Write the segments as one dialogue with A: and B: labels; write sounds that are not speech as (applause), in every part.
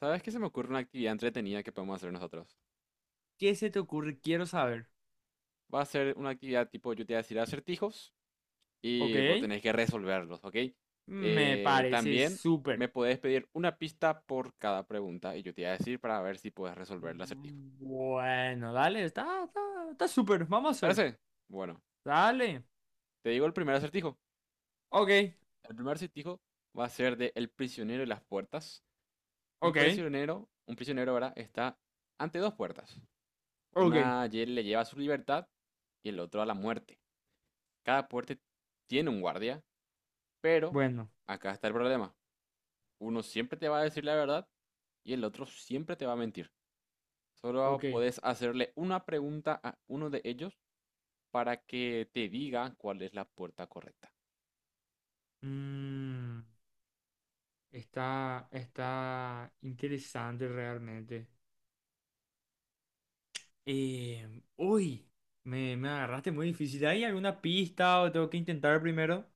A: ¿Sabes qué? Se me ocurre una actividad entretenida que podemos hacer nosotros.
B: ¿Qué se te ocurre? Quiero saber.
A: Va a ser una actividad tipo, yo te voy a decir acertijos
B: ¿Ok?
A: y vos tenés que resolverlos, ¿ok?
B: Me parece
A: También
B: súper.
A: me podés pedir una pista por cada pregunta y yo te voy a decir para ver si puedes resolver el acertijo.
B: Bueno, dale, está súper. Vamos a
A: ¿Te
B: hacer.
A: parece? Bueno,
B: Dale.
A: te digo el primer acertijo.
B: Ok,
A: El primer acertijo va a ser de El prisionero y las puertas. Un
B: ok,
A: prisionero, un prisionero ahora está ante dos puertas.
B: ok.
A: Le lleva a su libertad y el otro a la muerte. Cada puerta tiene un guardia. Pero
B: Bueno,
A: acá está el problema. Uno siempre te va a decir la verdad y el otro siempre te va a mentir. Solo
B: ok.
A: puedes hacerle una pregunta a uno de ellos para que te diga cuál es la puerta correcta.
B: Mm, está interesante realmente. Uy, me agarraste muy difícil. ¿Hay alguna pista o tengo que intentar primero?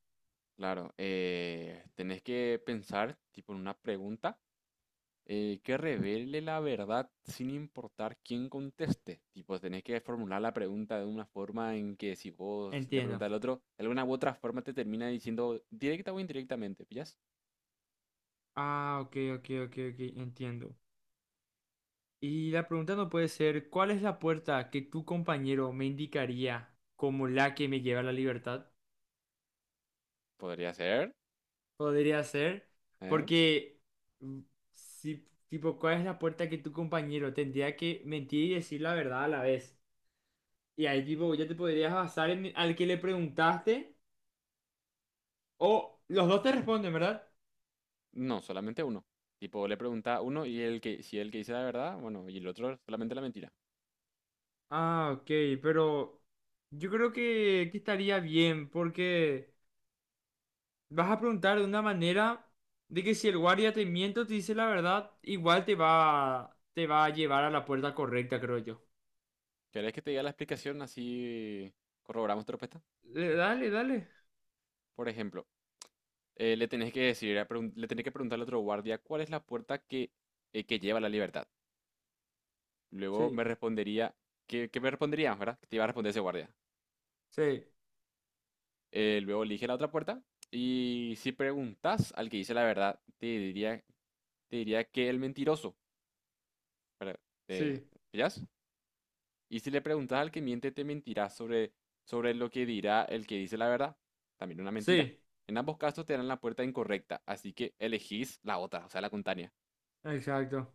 A: Claro, tenés que pensar, tipo, en una pregunta que revele la verdad sin importar quién conteste. Tipo, tenés que formular la pregunta de una forma en que si vos le
B: Entiendo.
A: preguntas al otro, de alguna u otra forma te termina diciendo directa o indirectamente, ¿pillas?
B: Ah, ok, ok, ok, ok, entiendo. Y la pregunta no puede ser, ¿cuál es la puerta que tu compañero me indicaría como la que me lleva a la libertad?
A: Podría ser.
B: Podría ser,
A: ¿Eh?
B: porque mm, si, tipo, ¿cuál es la puerta que tu compañero tendría que mentir y decir la verdad a la vez? Y ahí, tipo, ya te podrías basar en al que le preguntaste o los dos te responden, ¿verdad?
A: No, solamente uno. Tipo, le pregunta a uno y el que, si el que dice la verdad, bueno, y el otro solamente la mentira.
B: Ah, ok, pero yo creo que estaría bien porque vas a preguntar de una manera de que si el guardia te miente o te dice la verdad, igual te va a llevar a la puerta correcta, creo yo.
A: ¿Querés que te diga la explicación así corroboramos tu respuesta?
B: Dale, dale.
A: Por ejemplo, le tenés que decir, le tenés que preguntar al otro guardia cuál es la puerta que lleva a la libertad. Luego me
B: Sí,
A: respondería, ¿qué, qué me responderías, verdad? Que te iba a responder ese guardia.
B: sí,
A: Luego elige la otra puerta y si preguntas al que dice la verdad, te diría que el mentiroso. ¿Verdad? ¿Te
B: sí,
A: pillás? Y si le preguntas al que miente, te mentirá sobre, sobre lo que dirá el que dice la verdad. También una mentira.
B: sí.
A: En ambos casos te darán la puerta incorrecta, así que elegís la otra, o sea, la contraria.
B: Exacto.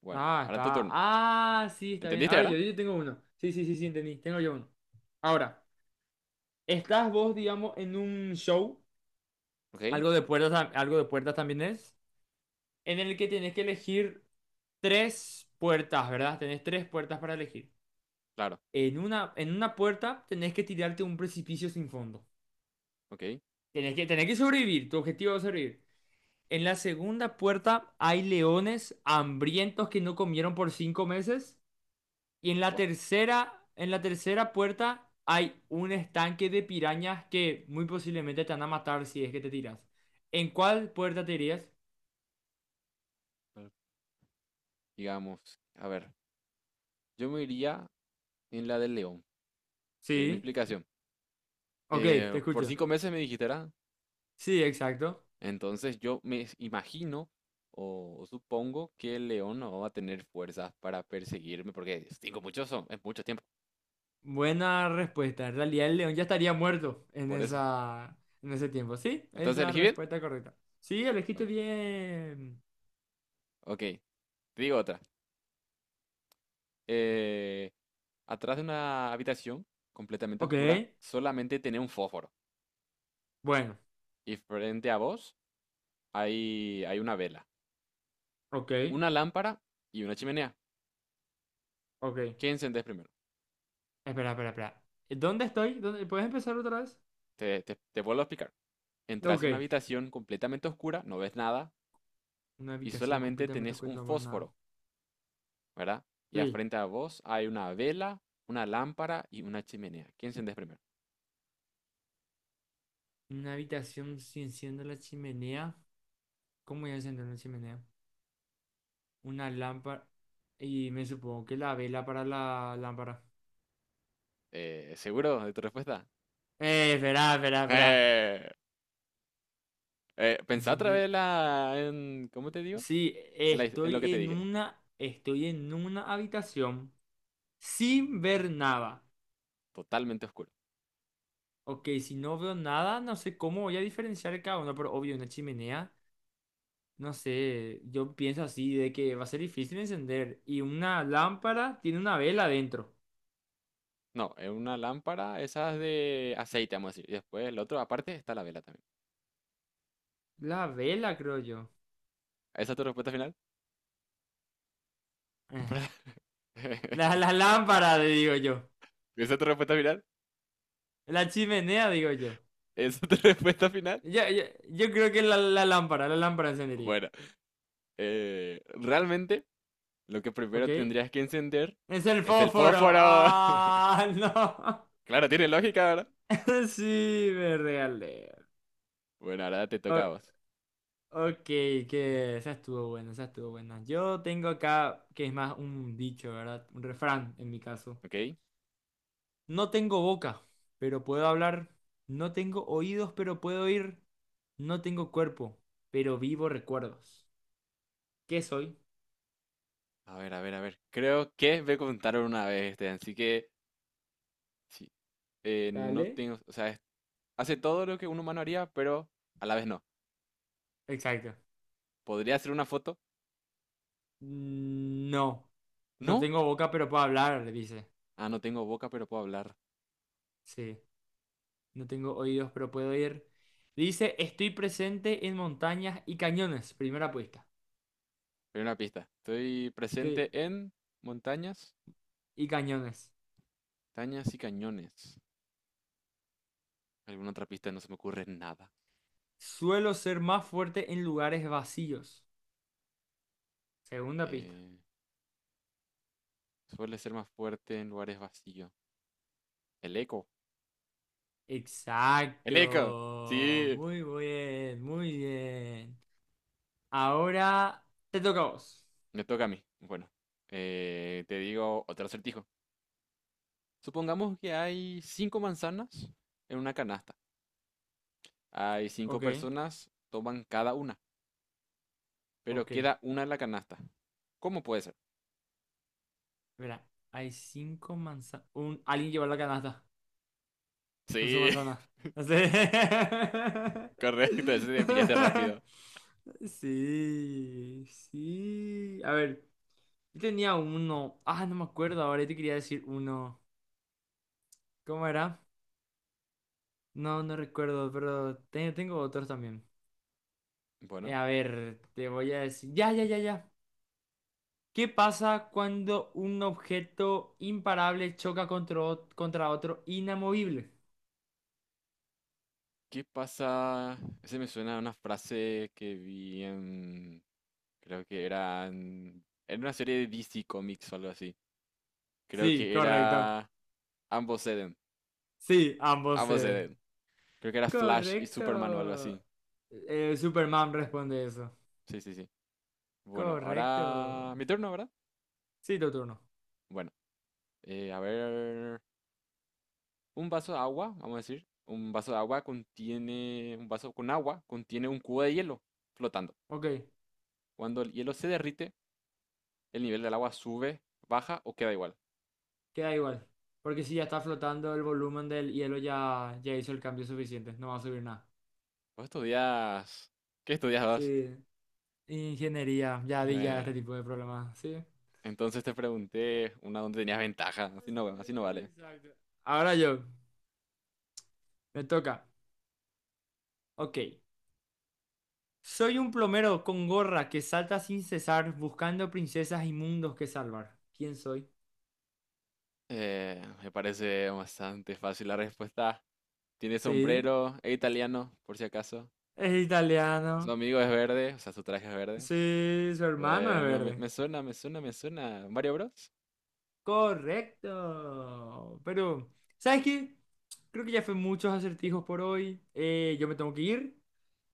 A: Bueno,
B: Ah,
A: ahora tu
B: está.
A: turno.
B: Ah, sí, está bien.
A: ¿Entendiste,
B: Ahora
A: verdad?
B: yo tengo uno. Sí, sí, sí, sí, entendí. Tengo yo uno. Ahora, estás vos, digamos, en un show,
A: Ok,
B: algo de puertas, algo de puertas también es, en el que tenés que elegir tres puertas, ¿verdad? Tenés tres puertas para elegir.
A: claro,
B: En una puerta tenés que tirarte un precipicio sin fondo.
A: ok.
B: Tenés que sobrevivir, tu objetivo es sobrevivir. En la segunda puerta hay leones hambrientos que no comieron por 5 meses. Y
A: Bueno,
B: en la tercera puerta hay un estanque de pirañas que muy posiblemente te van a matar si es que te tiras. ¿En cuál puerta te irías?
A: digamos, a ver, yo me iría en la del león. Pero mi
B: Sí.
A: explicación.
B: Ok, te
A: Por
B: escucho.
A: cinco meses me dijiste, ¿verdad?
B: Sí, exacto.
A: Entonces yo me imagino o supongo que el león no va a tener fuerzas para perseguirme, porque cinco muchos son, es mucho tiempo.
B: Buena respuesta. En realidad el león ya estaría muerto en
A: Por eso.
B: esa, en ese tiempo. Sí, es
A: Entonces
B: la
A: elegí bien.
B: respuesta correcta. Sí, elegiste
A: Bueno,
B: bien.
A: ok. Te digo otra. Eh, Atrás de una habitación completamente
B: Ok,
A: oscura, solamente tenía un fósforo.
B: bueno,
A: Y frente a vos hay una vela,
B: ok,
A: una lámpara y una chimenea.
B: ok.
A: ¿Qué encendés primero?
B: Espera, espera, espera. ¿Dónde estoy? ¿Dónde- ¿Puedes empezar otra vez?
A: Te vuelvo a explicar. Entras
B: Ok.
A: a una habitación completamente oscura, no ves nada
B: Una
A: y
B: habitación
A: solamente
B: completamente
A: tenés
B: oscura,
A: un
B: no veo nada.
A: fósforo, ¿verdad? Y a
B: Sí.
A: frente a vos hay una vela, una lámpara y una chimenea. ¿Qué encendés primero?
B: Una habitación sin enciendo la chimenea. ¿Cómo voy a encender una chimenea? Una lámpara. Y me supongo que la vela para la lámpara.
A: ¿Seguro de tu respuesta?
B: Espera, espera,
A: (laughs)
B: espera.
A: ¡Eh! Pensá otra
B: Enciende.
A: vez ¿cómo te digo?
B: Sí,
A: En lo que te dije,
B: estoy en una habitación sin ver nada.
A: totalmente oscuro.
B: Ok, si no veo nada, no sé cómo voy a diferenciar cada uno, pero obvio, una chimenea, no sé, yo pienso así de que va a ser difícil encender. Y una lámpara tiene una vela dentro.
A: No, es una lámpara, esas de aceite, vamos a decir. Y después el otro, aparte, está la vela también.
B: La vela, creo yo.
A: ¿Esa es tu respuesta final?
B: Eh,
A: (laughs)
B: La lámpara, digo yo.
A: ¿Esa es tu respuesta final?
B: La chimenea, digo yo.
A: ¿Esa es tu (laughs) respuesta final?
B: Yo, yo, yo creo que la lámpara encendería.
A: Bueno, realmente lo que
B: ¿Ok?
A: primero tendrías que encender
B: Es el
A: es el
B: fósforo.
A: fósforo. (laughs)
B: Ah, (laughs) no.
A: Claro, tiene lógica, ¿verdad?
B: (laughs) Sí, me regalé.
A: Bueno, ahora te toca
B: O-
A: a vos,
B: ok, que esa estuvo buena, esa estuvo buena. Yo tengo acá, que es más un dicho, ¿verdad? Un refrán en mi caso.
A: ¿ok?
B: No tengo boca, pero puedo hablar. No tengo oídos, pero puedo oír. No tengo cuerpo, pero vivo recuerdos. ¿Qué soy?
A: A ver, a ver, a ver. Creo que me contaron una vez este, así que... Sí. No
B: Dale.
A: tengo, o sea, hace todo lo que un humano haría, pero a la vez no.
B: Exacto.
A: ¿Podría hacer una foto?
B: Mm, no. No
A: No.
B: tengo boca, pero puedo hablar, le dice.
A: Ah, no tengo boca, pero puedo hablar.
B: Sí. No tengo oídos, pero puedo oír. Dice, estoy presente en montañas y cañones. Primera apuesta.
A: Primera pista. Estoy
B: Sí,
A: presente en montañas,
B: y cañones.
A: montañas y cañones. Alguna otra pista, no se me ocurre nada.
B: Suelo ser más fuerte en lugares vacíos. Segunda pista.
A: Eh, Suele ser más fuerte en lugares vacíos. El eco. El eco.
B: Exacto.
A: Sí.
B: Muy bien, muy bien. Ahora te toca a vos.
A: Me toca a mí. Bueno, te digo otro acertijo. Supongamos que hay cinco manzanas en una canasta. Hay cinco
B: Ok,
A: personas, toman cada una, pero
B: ok.
A: queda una en la canasta. ¿Cómo puede ser?
B: Verá, hay 5 manzanas. Un... Alguien llevó la canasta con su
A: Sí,
B: manzana.
A: (laughs)
B: Así.
A: correcto, ese te pillaste
B: (laughs)
A: rápido.
B: Sí, sí. A ver, yo tenía uno. Ah, no me acuerdo ahora. Yo te quería decir uno. ¿Cómo era? No, no recuerdo, pero tengo otros también.
A: Bueno,
B: A ver, te voy a decir. Ya, ya, ya, ya. ¿Qué pasa cuando un objeto imparable choca contra, contra otro inamovible?
A: ¿qué pasa? Ese me suena a una frase que vi en... Creo que era en una serie de DC Comics o algo así. Creo
B: Sí,
A: que
B: correcto.
A: era... Ambos ceden,
B: Sí, ambos.
A: ambos ceden. Creo que era Flash y
B: Correcto.
A: Superman o algo así.
B: Superman responde eso.
A: Sí, sí, sí. Bueno,
B: Correcto.
A: ahora mi turno, ¿verdad?
B: Sí, tu turno.
A: Bueno, a ver... Un vaso de agua, vamos a decir, un vaso de agua contiene, un vaso con agua contiene un cubo de hielo flotando.
B: Ok,
A: Cuando el hielo se derrite, el nivel del agua sube, baja o queda igual.
B: queda igual. Porque si ya está flotando el volumen del hielo, ya hizo el cambio suficiente. No va a subir nada.
A: Vos estudias, ¿qué estudiabas?
B: Sí. Ingeniería. Ya vi ya
A: Eh,
B: este tipo de problemas. Sí.
A: entonces te pregunté una donde tenías ventaja,
B: Sí,
A: así no vale.
B: exacto. Ahora yo. Me toca. Ok. Soy un plomero con gorra que salta sin cesar buscando princesas y mundos que salvar. ¿Quién soy?
A: Me parece bastante fácil la respuesta. Tiene
B: Sí.
A: sombrero, es italiano, por si acaso.
B: Es
A: Su
B: italiano.
A: amigo es verde, o sea, su traje es verde.
B: Sí, su hermano es
A: Bueno,
B: verde.
A: me suena, me suena, me suena. Mario Bros.
B: Correcto. Pero, ¿sabes qué? Creo que ya fue muchos acertijos por hoy. Yo me tengo que ir.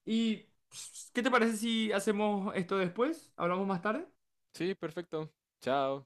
B: ¿Y pss, qué te parece si hacemos esto después? ¿Hablamos más tarde?
A: Sí, perfecto. Chao.